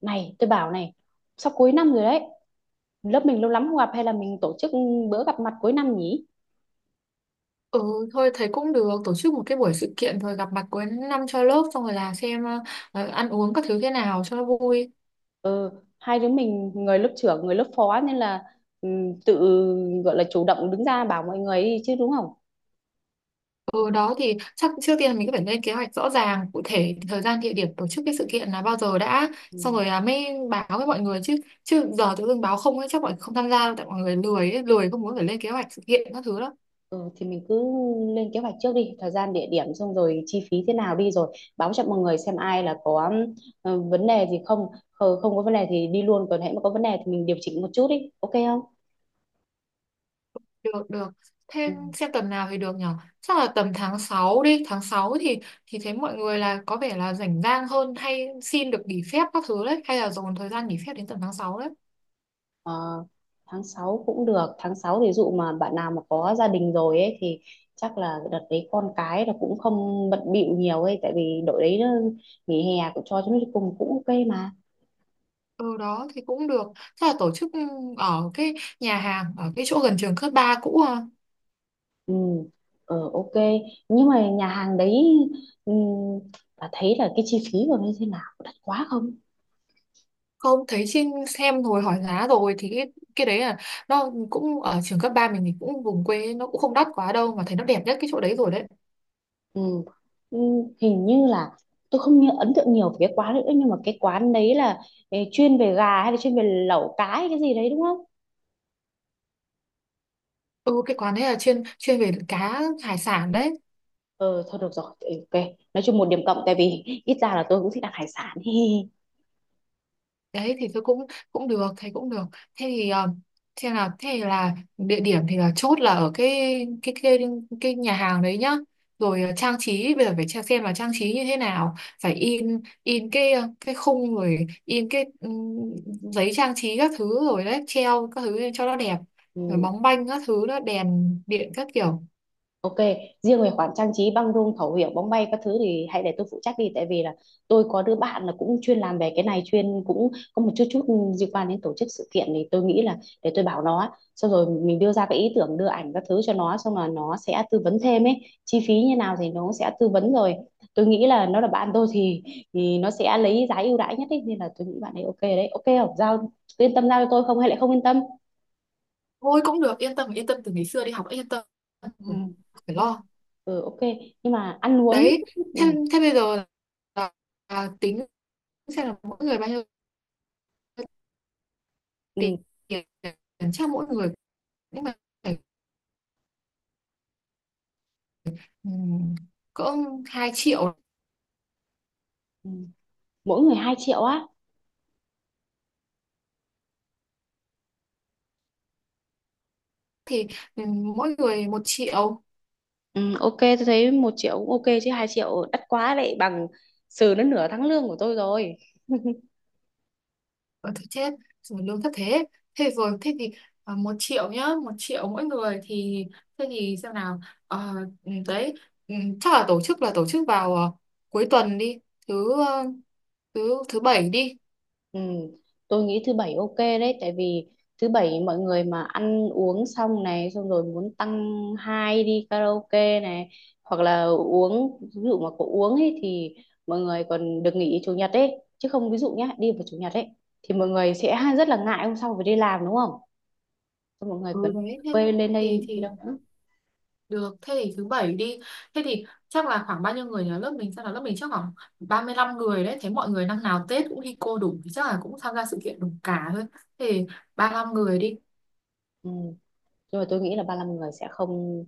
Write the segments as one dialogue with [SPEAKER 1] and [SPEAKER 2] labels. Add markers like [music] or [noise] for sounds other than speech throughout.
[SPEAKER 1] Này, tôi bảo này, sắp cuối năm rồi đấy. Lớp mình lâu lắm không gặp hay là mình tổ chức bữa gặp mặt cuối năm nhỉ?
[SPEAKER 2] Ừ, thôi thấy cũng được tổ chức một cái buổi sự kiện rồi gặp mặt cuối năm cho lớp xong rồi là xem ăn uống các thứ thế nào cho nó vui.
[SPEAKER 1] Ừ, hai đứa mình người lớp trưởng, người lớp phó nên là ừ, tự gọi là chủ động đứng ra bảo mọi người đi chứ đúng không?
[SPEAKER 2] Ừ đó thì chắc trước tiên mình cứ phải lên kế hoạch rõ ràng cụ thể thời gian địa điểm tổ chức cái sự kiện là bao giờ đã, xong
[SPEAKER 1] Ừ.
[SPEAKER 2] rồi là mới báo với mọi người chứ chứ giờ tự dưng báo không ấy chắc mọi người không tham gia đâu tại mọi người lười ấy, lười không muốn phải lên kế hoạch sự kiện các thứ đâu.
[SPEAKER 1] Ừ, thì mình cứ lên kế hoạch trước đi, thời gian, địa điểm xong rồi chi phí thế nào đi rồi báo cho mọi người xem ai là có ừ, vấn đề gì không? Ờ, không có vấn đề thì đi luôn còn hãy mà có vấn đề thì mình điều chỉnh một chút đi, ok không?
[SPEAKER 2] Được được,
[SPEAKER 1] Ừ.
[SPEAKER 2] thêm xem tuần nào thì được nhở. Chắc là tầm tháng 6 đi, tháng 6 thì thấy mọi người là có vẻ là rảnh rang hơn hay xin được nghỉ phép các thứ đấy, hay là dồn thời gian nghỉ phép đến tầm tháng 6 đấy.
[SPEAKER 1] Ờ, tháng 6 cũng được, tháng 6 thì dụ mà bạn nào mà có gia đình rồi ấy thì chắc là đợt đấy con cái là cũng không bận bịu nhiều ấy tại vì đội đấy nó nghỉ hè cũng cho chúng nó cùng cũng ok mà.
[SPEAKER 2] Ừ đó thì cũng được. Chắc là tổ chức ở cái nhà hàng ở cái chỗ gần trường cấp 3 cũ à.
[SPEAKER 1] Ừ, ờ ok. Nhưng mà nhà hàng đấy, ừ, bà thấy là cái chi phí của nó như thế nào? Có đắt quá không?
[SPEAKER 2] Không, thấy trên xem rồi hỏi giá rồi thì cái đấy là nó cũng ở trường cấp 3 mình thì cũng vùng quê nó cũng không đắt quá đâu, mà thấy nó đẹp nhất cái chỗ đấy rồi đấy.
[SPEAKER 1] Ừ. Ừ, hình như là tôi không nhớ ấn tượng nhiều về cái quán nữa nhưng mà cái quán đấy là ừ, chuyên về gà hay là chuyên về lẩu cá hay cái gì đấy đúng không?
[SPEAKER 2] Ừ, cái quán đấy là chuyên chuyên về cá hải sản đấy.
[SPEAKER 1] Ờ, thôi được rồi, ừ, ok. Nói chung một điểm cộng tại vì ít ra là tôi cũng thích ăn hải sản. [laughs] Hi.
[SPEAKER 2] Đấy thì tôi cũng cũng được, thấy cũng được, thế thì thế là địa điểm thì là chốt là ở cái cái cái nhà hàng đấy nhá. Rồi trang trí bây giờ phải xem là trang trí như thế nào, phải in cái cái khung rồi in cái giấy trang trí các thứ rồi đấy treo các thứ lên cho nó đẹp, rồi
[SPEAKER 1] Ừ.
[SPEAKER 2] bóng banh các thứ đó đèn điện các kiểu.
[SPEAKER 1] Ok, riêng về khoản trang trí băng rôn khẩu hiệu bóng bay các thứ thì hãy để tôi phụ trách đi tại vì là tôi có đứa bạn là cũng chuyên làm về cái này, chuyên cũng có một chút chút liên quan đến tổ chức sự kiện thì tôi nghĩ là để tôi bảo nó, xong rồi mình đưa ra cái ý tưởng đưa ảnh các thứ cho nó, xong là nó sẽ tư vấn thêm ấy. Chi phí như nào thì nó sẽ tư vấn rồi. Tôi nghĩ là nó là bạn tôi thì nó sẽ lấy giá ưu đãi nhất ấy, nên là tôi nghĩ bạn ấy ok đấy, ok không? Giao yên tâm giao cho tôi không hay lại không yên tâm?
[SPEAKER 2] Thôi cũng được, yên tâm yên tâm, từ ngày xưa đi học đã yên tâm rồi, không
[SPEAKER 1] Ừ,
[SPEAKER 2] phải lo.
[SPEAKER 1] ừ ok. Nhưng mà ăn uống,
[SPEAKER 2] Đấy
[SPEAKER 1] ừ,
[SPEAKER 2] thế thế bây giờ là là tính xem là mỗi người bao nhiêu tiền.
[SPEAKER 1] ừ.
[SPEAKER 2] Chắc mỗi người nhưng mà phải cỡ 2 triệu.
[SPEAKER 1] Ừ. Mỗi người 2 triệu á?
[SPEAKER 2] Thì mỗi người 1 triệu.
[SPEAKER 1] Ừ, ok tôi thấy 1 triệu cũng ok chứ 2 triệu đắt quá đấy, bằng sờ đến nửa tháng lương của tôi rồi.
[SPEAKER 2] Ở thôi chết rồi, lương thấp thế. Thế rồi thế thì 1 triệu nhá, 1 triệu mỗi người. Thì thế thì xem nào. Ờ, đấy, chắc là tổ chức vào cuối tuần đi, thứ thứ thứ bảy đi.
[SPEAKER 1] Ừ, tôi nghĩ thứ 7 ok đấy tại vì thứ 7 mọi người mà ăn uống xong này xong rồi muốn tăng hai đi karaoke này hoặc là uống, ví dụ mà có uống ấy thì mọi người còn được nghỉ chủ nhật ấy. Chứ không, ví dụ nhá, đi vào chủ nhật ấy thì mọi người sẽ [laughs] rất là ngại hôm sau phải đi làm đúng không? Xong mọi người
[SPEAKER 2] Ừ
[SPEAKER 1] còn
[SPEAKER 2] đấy thế
[SPEAKER 1] quên lên
[SPEAKER 2] thì
[SPEAKER 1] đây đi
[SPEAKER 2] thì
[SPEAKER 1] đâu nữa.
[SPEAKER 2] được, thế thì thứ bảy đi. Thế thì chắc là khoảng bao nhiêu người nhờ lớp mình? Sao là lớp mình chắc khoảng 35 người đấy. Thế mọi người năm nào Tết cũng đi cô đủ thì chắc là cũng tham gia sự kiện đủ cả thôi. Thế thì 35 người đi.
[SPEAKER 1] Ừ. Nhưng mà tôi nghĩ là 35 người sẽ không,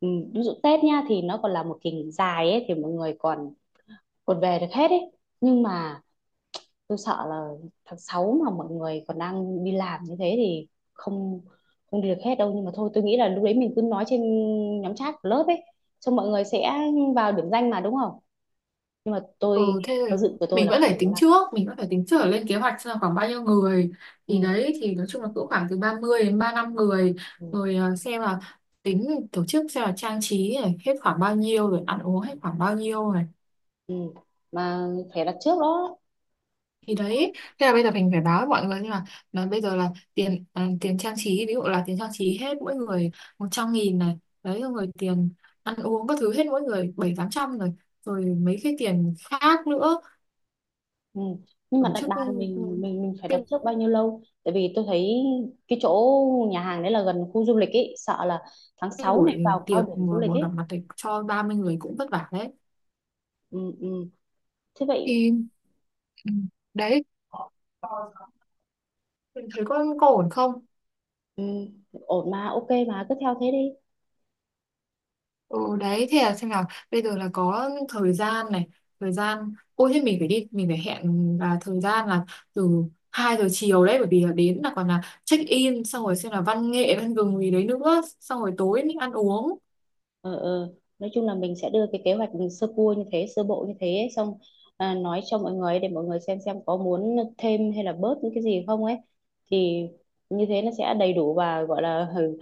[SPEAKER 1] ừ, ví dụ Tết nha thì nó còn là một kỳ nghỉ dài ấy thì mọi người còn còn về được hết ấy, nhưng mà tôi sợ là tháng 6 mà mọi người còn đang đi làm như thế thì không không đi được hết đâu. Nhưng mà thôi tôi nghĩ là lúc đấy mình cứ nói trên nhóm chat của lớp ấy, xong mọi người sẽ vào điểm danh mà đúng không? Nhưng mà tôi
[SPEAKER 2] Ừ, thế
[SPEAKER 1] theo
[SPEAKER 2] rồi
[SPEAKER 1] dự của tôi là không đủ đó là,
[SPEAKER 2] mình vẫn phải tính trước lên kế hoạch xem là khoảng bao nhiêu người. Thì
[SPEAKER 1] ừ,
[SPEAKER 2] đấy thì nói chung là cứ khoảng từ 30 đến 35 người.
[SPEAKER 1] ừ,
[SPEAKER 2] Rồi xem là tính tổ chức xem là trang trí này hết khoảng bao nhiêu rồi ăn uống hết khoảng bao nhiêu này.
[SPEAKER 1] ừ. Mà phải đặt trước đó.
[SPEAKER 2] Thì đấy thế là bây giờ mình phải báo với mọi người nhưng mà bây giờ là tiền à, tiền trang trí ví dụ là tiền trang trí hết mỗi người 100.000 này, đấy rồi người tiền ăn uống các thứ hết mỗi người bảy tám trăm rồi, rồi mấy cái tiền khác nữa.
[SPEAKER 1] Ừ. Nhưng
[SPEAKER 2] Tổ
[SPEAKER 1] mà đặt
[SPEAKER 2] chức
[SPEAKER 1] bàn mình phải
[SPEAKER 2] cái,
[SPEAKER 1] đặt trước bao nhiêu lâu? Tại vì tôi thấy cái chỗ nhà hàng đấy là gần khu du lịch ấy, sợ là tháng
[SPEAKER 2] cái
[SPEAKER 1] 6 này
[SPEAKER 2] buổi
[SPEAKER 1] vào cao
[SPEAKER 2] tiệc
[SPEAKER 1] điểm du
[SPEAKER 2] mà
[SPEAKER 1] lịch
[SPEAKER 2] buổi gặp
[SPEAKER 1] ấy.
[SPEAKER 2] mặt thì cho 30 người cũng vất vả đấy.
[SPEAKER 1] Ừ, ừ. Thế vậy,
[SPEAKER 2] Thì ừ, đấy mình thấy có ổn không.
[SPEAKER 1] ừ. Ổn mà, ok mà cứ theo thế đi.
[SPEAKER 2] Ừ đấy thế là xem nào, bây giờ là có thời gian này, thời gian ôi thế mình phải đi mình phải hẹn là thời gian là từ 2 giờ chiều đấy, bởi vì là đến là còn là check in xong rồi xem là văn nghệ văn gừng gì đấy nữa xong rồi tối mình ăn uống.
[SPEAKER 1] Ờ, ờ. Nói chung là mình sẽ đưa cái kế hoạch sơ cua như thế, sơ bộ như thế ấy, xong à, nói cho mọi người để mọi người xem có muốn thêm hay là bớt những cái gì không ấy. Thì như thế nó sẽ đầy đủ và gọi là, ừ,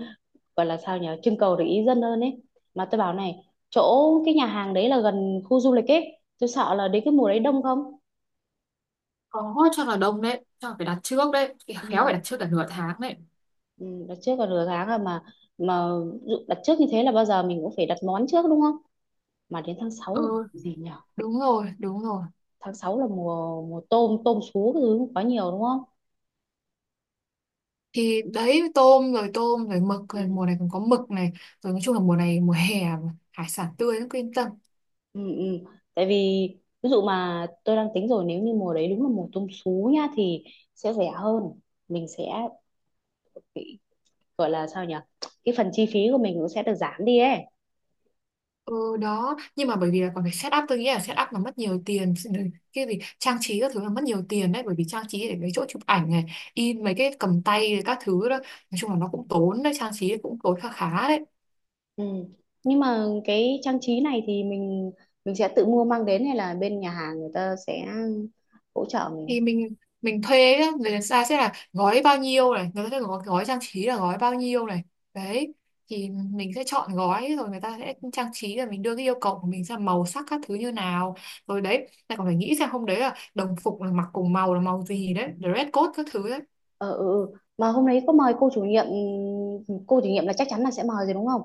[SPEAKER 1] gọi là sao nhỉ, trưng cầu để ý dân hơn ấy. Mà tôi bảo này, chỗ cái nhà hàng đấy là gần khu du lịch ấy, tôi sợ là đến cái mùa đấy đông không?
[SPEAKER 2] Có, chắc là đông đấy, chắc là phải đặt trước đấy, khéo phải
[SPEAKER 1] Ừ,
[SPEAKER 2] đặt trước cả nửa tháng đấy.
[SPEAKER 1] ừ, đặt trước còn nửa tháng rồi mà mà đặt trước như thế là bao giờ mình cũng phải đặt món trước đúng không? Mà đến tháng 6 là
[SPEAKER 2] Ừ
[SPEAKER 1] gì nhỉ,
[SPEAKER 2] đúng rồi đúng rồi,
[SPEAKER 1] tháng 6 là mùa mùa tôm tôm sú cái thứ quá nhiều đúng không?
[SPEAKER 2] thì đấy, tôm rồi mực rồi,
[SPEAKER 1] Ừ,
[SPEAKER 2] mùa này còn có mực này, rồi nói chung là mùa này mùa hè mà, hải sản tươi lắm, cứ yên tâm.
[SPEAKER 1] ừ, ừ. Tại vì ví dụ mà tôi đang tính rồi, nếu như mùa đấy đúng là mùa tôm sú nhá thì sẽ rẻ hơn. Mình sẽ gọi là sao nhỉ, cái phần chi phí của mình cũng sẽ được giảm đi ấy.
[SPEAKER 2] Ừ đó, nhưng mà bởi vì là còn phải set up, tôi nghĩ là set up nó mất nhiều tiền, cái gì trang trí các thứ là mất nhiều tiền đấy bởi vì trang trí để mấy chỗ chụp ảnh này, in mấy cái cầm tay các thứ đó, nói chung là nó cũng tốn đấy, trang trí cũng tốn khá khá đấy.
[SPEAKER 1] Ừ. Nhưng mà cái trang trí này thì mình sẽ tự mua mang đến hay là bên nhà hàng người ta sẽ hỗ trợ mình?
[SPEAKER 2] Thì mình thuê nhá, người ta sẽ là gói bao nhiêu này, người ta sẽ gói trang trí là gói bao nhiêu này đấy, thì mình sẽ chọn gói rồi người ta sẽ trang trí, rồi mình đưa cái yêu cầu của mình ra màu sắc các thứ như nào rồi đấy, lại còn phải nghĩ xem hôm đấy là đồng phục là mặc cùng màu là màu gì đấy, dress code các thứ đấy.
[SPEAKER 1] Ờ, ừ, ừ. Mà hôm đấy có mời cô chủ nhiệm, cô chủ nhiệm là chắc chắn là sẽ mời rồi đúng không?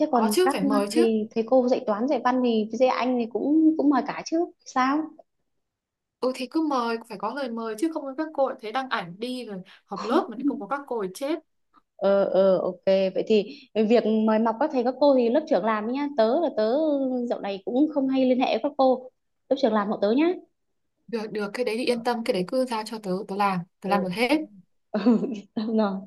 [SPEAKER 1] Thế
[SPEAKER 2] Có
[SPEAKER 1] còn
[SPEAKER 2] chứ,
[SPEAKER 1] các
[SPEAKER 2] phải mời chứ.
[SPEAKER 1] thầy thầy cô dạy toán dạy văn thì dạy Anh thì cũng cũng mời cả chứ sao?
[SPEAKER 2] Ừ thì cứ mời, phải có lời mời chứ không các cô lại thấy đăng ảnh đi rồi họp lớp mà lại không có các cô thì chết.
[SPEAKER 1] Ờ ờ ok, vậy thì việc mời mọc các thầy các cô thì lớp trưởng làm nhá. Tớ dạo này cũng không hay liên hệ với các cô, lớp trưởng làm hộ tớ nhá.
[SPEAKER 2] Được được, cái đấy thì
[SPEAKER 1] Ờ,
[SPEAKER 2] yên tâm, cái
[SPEAKER 1] ừ,
[SPEAKER 2] đấy cứ giao cho tớ, tớ làm
[SPEAKER 1] ừ.
[SPEAKER 2] được hết.
[SPEAKER 1] [laughs] Tao nói,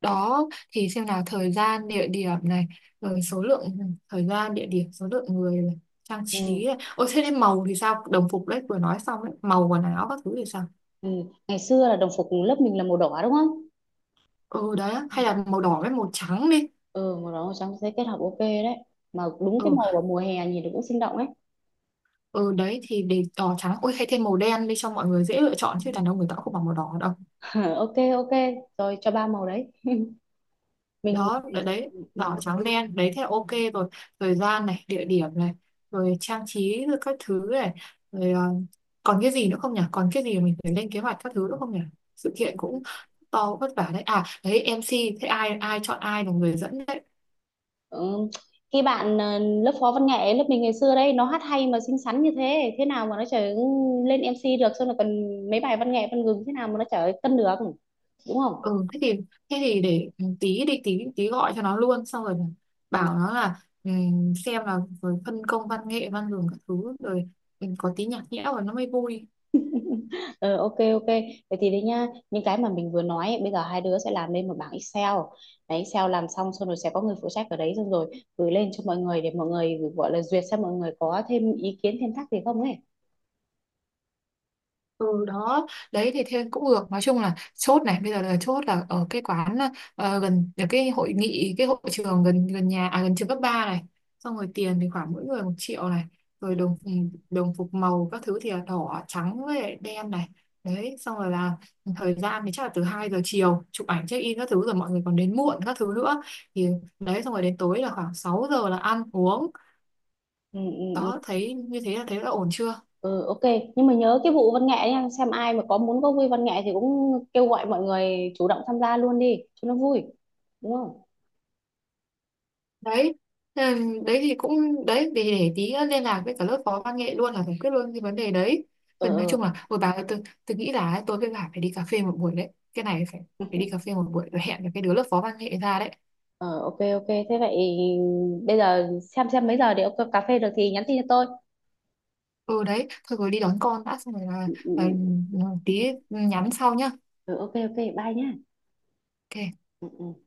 [SPEAKER 2] Đó thì xem nào, thời gian địa điểm này, rồi số lượng thời gian địa điểm số lượng người này, trang
[SPEAKER 1] ừ.
[SPEAKER 2] trí này. Ôi thế nên màu thì sao, đồng phục đấy vừa nói xong đấy, màu quần áo các thứ thì sao.
[SPEAKER 1] Ừ. Ngày xưa là đồng phục lớp mình là màu đỏ đúng không?
[SPEAKER 2] Ừ đấy hay là màu đỏ với màu trắng đi.
[SPEAKER 1] Ừ màu đỏ màu trắng sẽ kết hợp ok đấy, mà đúng cái
[SPEAKER 2] Ừ
[SPEAKER 1] màu vào mùa hè nhìn nó cũng sinh động ấy.
[SPEAKER 2] ừ, đấy thì để đỏ trắng, ôi hay thêm màu đen đi cho mọi người dễ lựa chọn,
[SPEAKER 1] Ừ.
[SPEAKER 2] chứ đàn ông người ta cũng không bằng màu đỏ đâu.
[SPEAKER 1] [laughs] ok ok rồi cho ba màu đấy mình,
[SPEAKER 2] Đó đấy, đấy,
[SPEAKER 1] ừ. Ừ.
[SPEAKER 2] đỏ trắng đen đấy thế là ok. Rồi thời gian này địa điểm này, rồi trang trí rồi các thứ này, rồi còn cái gì nữa không nhỉ, còn cái gì mình phải lên kế hoạch các thứ nữa không nhỉ, sự kiện cũng to vất vả đấy. À đấy, MC thế ai ai chọn ai là người dẫn đấy.
[SPEAKER 1] Ừ. Cái bạn ờ, lớp phó văn nghệ lớp mình ngày xưa đấy, nó hát hay mà xinh xắn, như thế thế nào mà nó trở lên MC được, xong là còn mấy bài văn nghệ văn gừng thế nào mà nó trở cân được đúng không?
[SPEAKER 2] Ừ thế thì để tí đi tí tí gọi cho nó luôn xong rồi
[SPEAKER 1] Ừ.
[SPEAKER 2] bảo nó là xem là rồi phân công văn nghệ văn đường các thứ rồi. Ừ, có tí nhạc nhẽo rồi nó mới vui.
[SPEAKER 1] Ờ, ok ok vậy thì đấy nhá, những cái mà mình vừa nói ấy, bây giờ hai đứa sẽ làm lên một bảng Excel. Đấy Excel làm xong xong rồi sẽ có người phụ trách ở đấy, xong rồi gửi lên cho mọi người để mọi người gọi là duyệt xem mọi người có thêm ý kiến thêm thắc gì không ấy.
[SPEAKER 2] Ừ đó, đấy thì thêm cũng được. Nói chung là chốt này, bây giờ là chốt là ở cái quán gần ở cái hội nghị, cái hội trường gần gần nhà, à, gần trường cấp 3 này. Xong rồi tiền thì khoảng mỗi người 1 triệu này. Rồi
[SPEAKER 1] Ừ,
[SPEAKER 2] đồng phục màu các thứ thì là đỏ, trắng với lại đen này. Đấy, xong rồi là thời gian thì chắc là từ 2 giờ chiều chụp ảnh check in các thứ rồi mọi người còn đến muộn các thứ nữa. Thì đấy xong rồi đến tối là khoảng 6 giờ là ăn uống.
[SPEAKER 1] ừ, ừ, ừ.
[SPEAKER 2] Đó, thấy như thế là thấy là ổn chưa?
[SPEAKER 1] Ừ, ok nhưng mà nhớ cái vụ văn nghệ nha, xem ai mà có muốn có vui văn nghệ thì cũng kêu gọi mọi người chủ động tham gia luôn đi cho nó vui đúng không?
[SPEAKER 2] Đấy thế là đấy thì cũng đấy, để tí liên lạc với cả lớp phó văn nghệ luôn là giải quyết luôn cái vấn đề đấy.
[SPEAKER 1] Ờ
[SPEAKER 2] Phần nói
[SPEAKER 1] ờ
[SPEAKER 2] chung là ôi bà ơi, tôi nghĩ là ấy, tôi với bà phải đi cà phê một buổi đấy, cái này phải phải đi cà phê một buổi rồi hẹn với cái đứa lớp phó văn nghệ ra đấy.
[SPEAKER 1] ờ, ok ok thế vậy bây giờ xem mấy giờ để ông cà phê được thì nhắn tin cho tôi.
[SPEAKER 2] Ừ đấy thôi, rồi đi đón con đã xong rồi
[SPEAKER 1] Ừ,
[SPEAKER 2] là,
[SPEAKER 1] ừ,
[SPEAKER 2] là tí nhắn sau nhá.
[SPEAKER 1] Ừ, ok ok bye nhá.
[SPEAKER 2] Ok.
[SPEAKER 1] Ừ, ừ.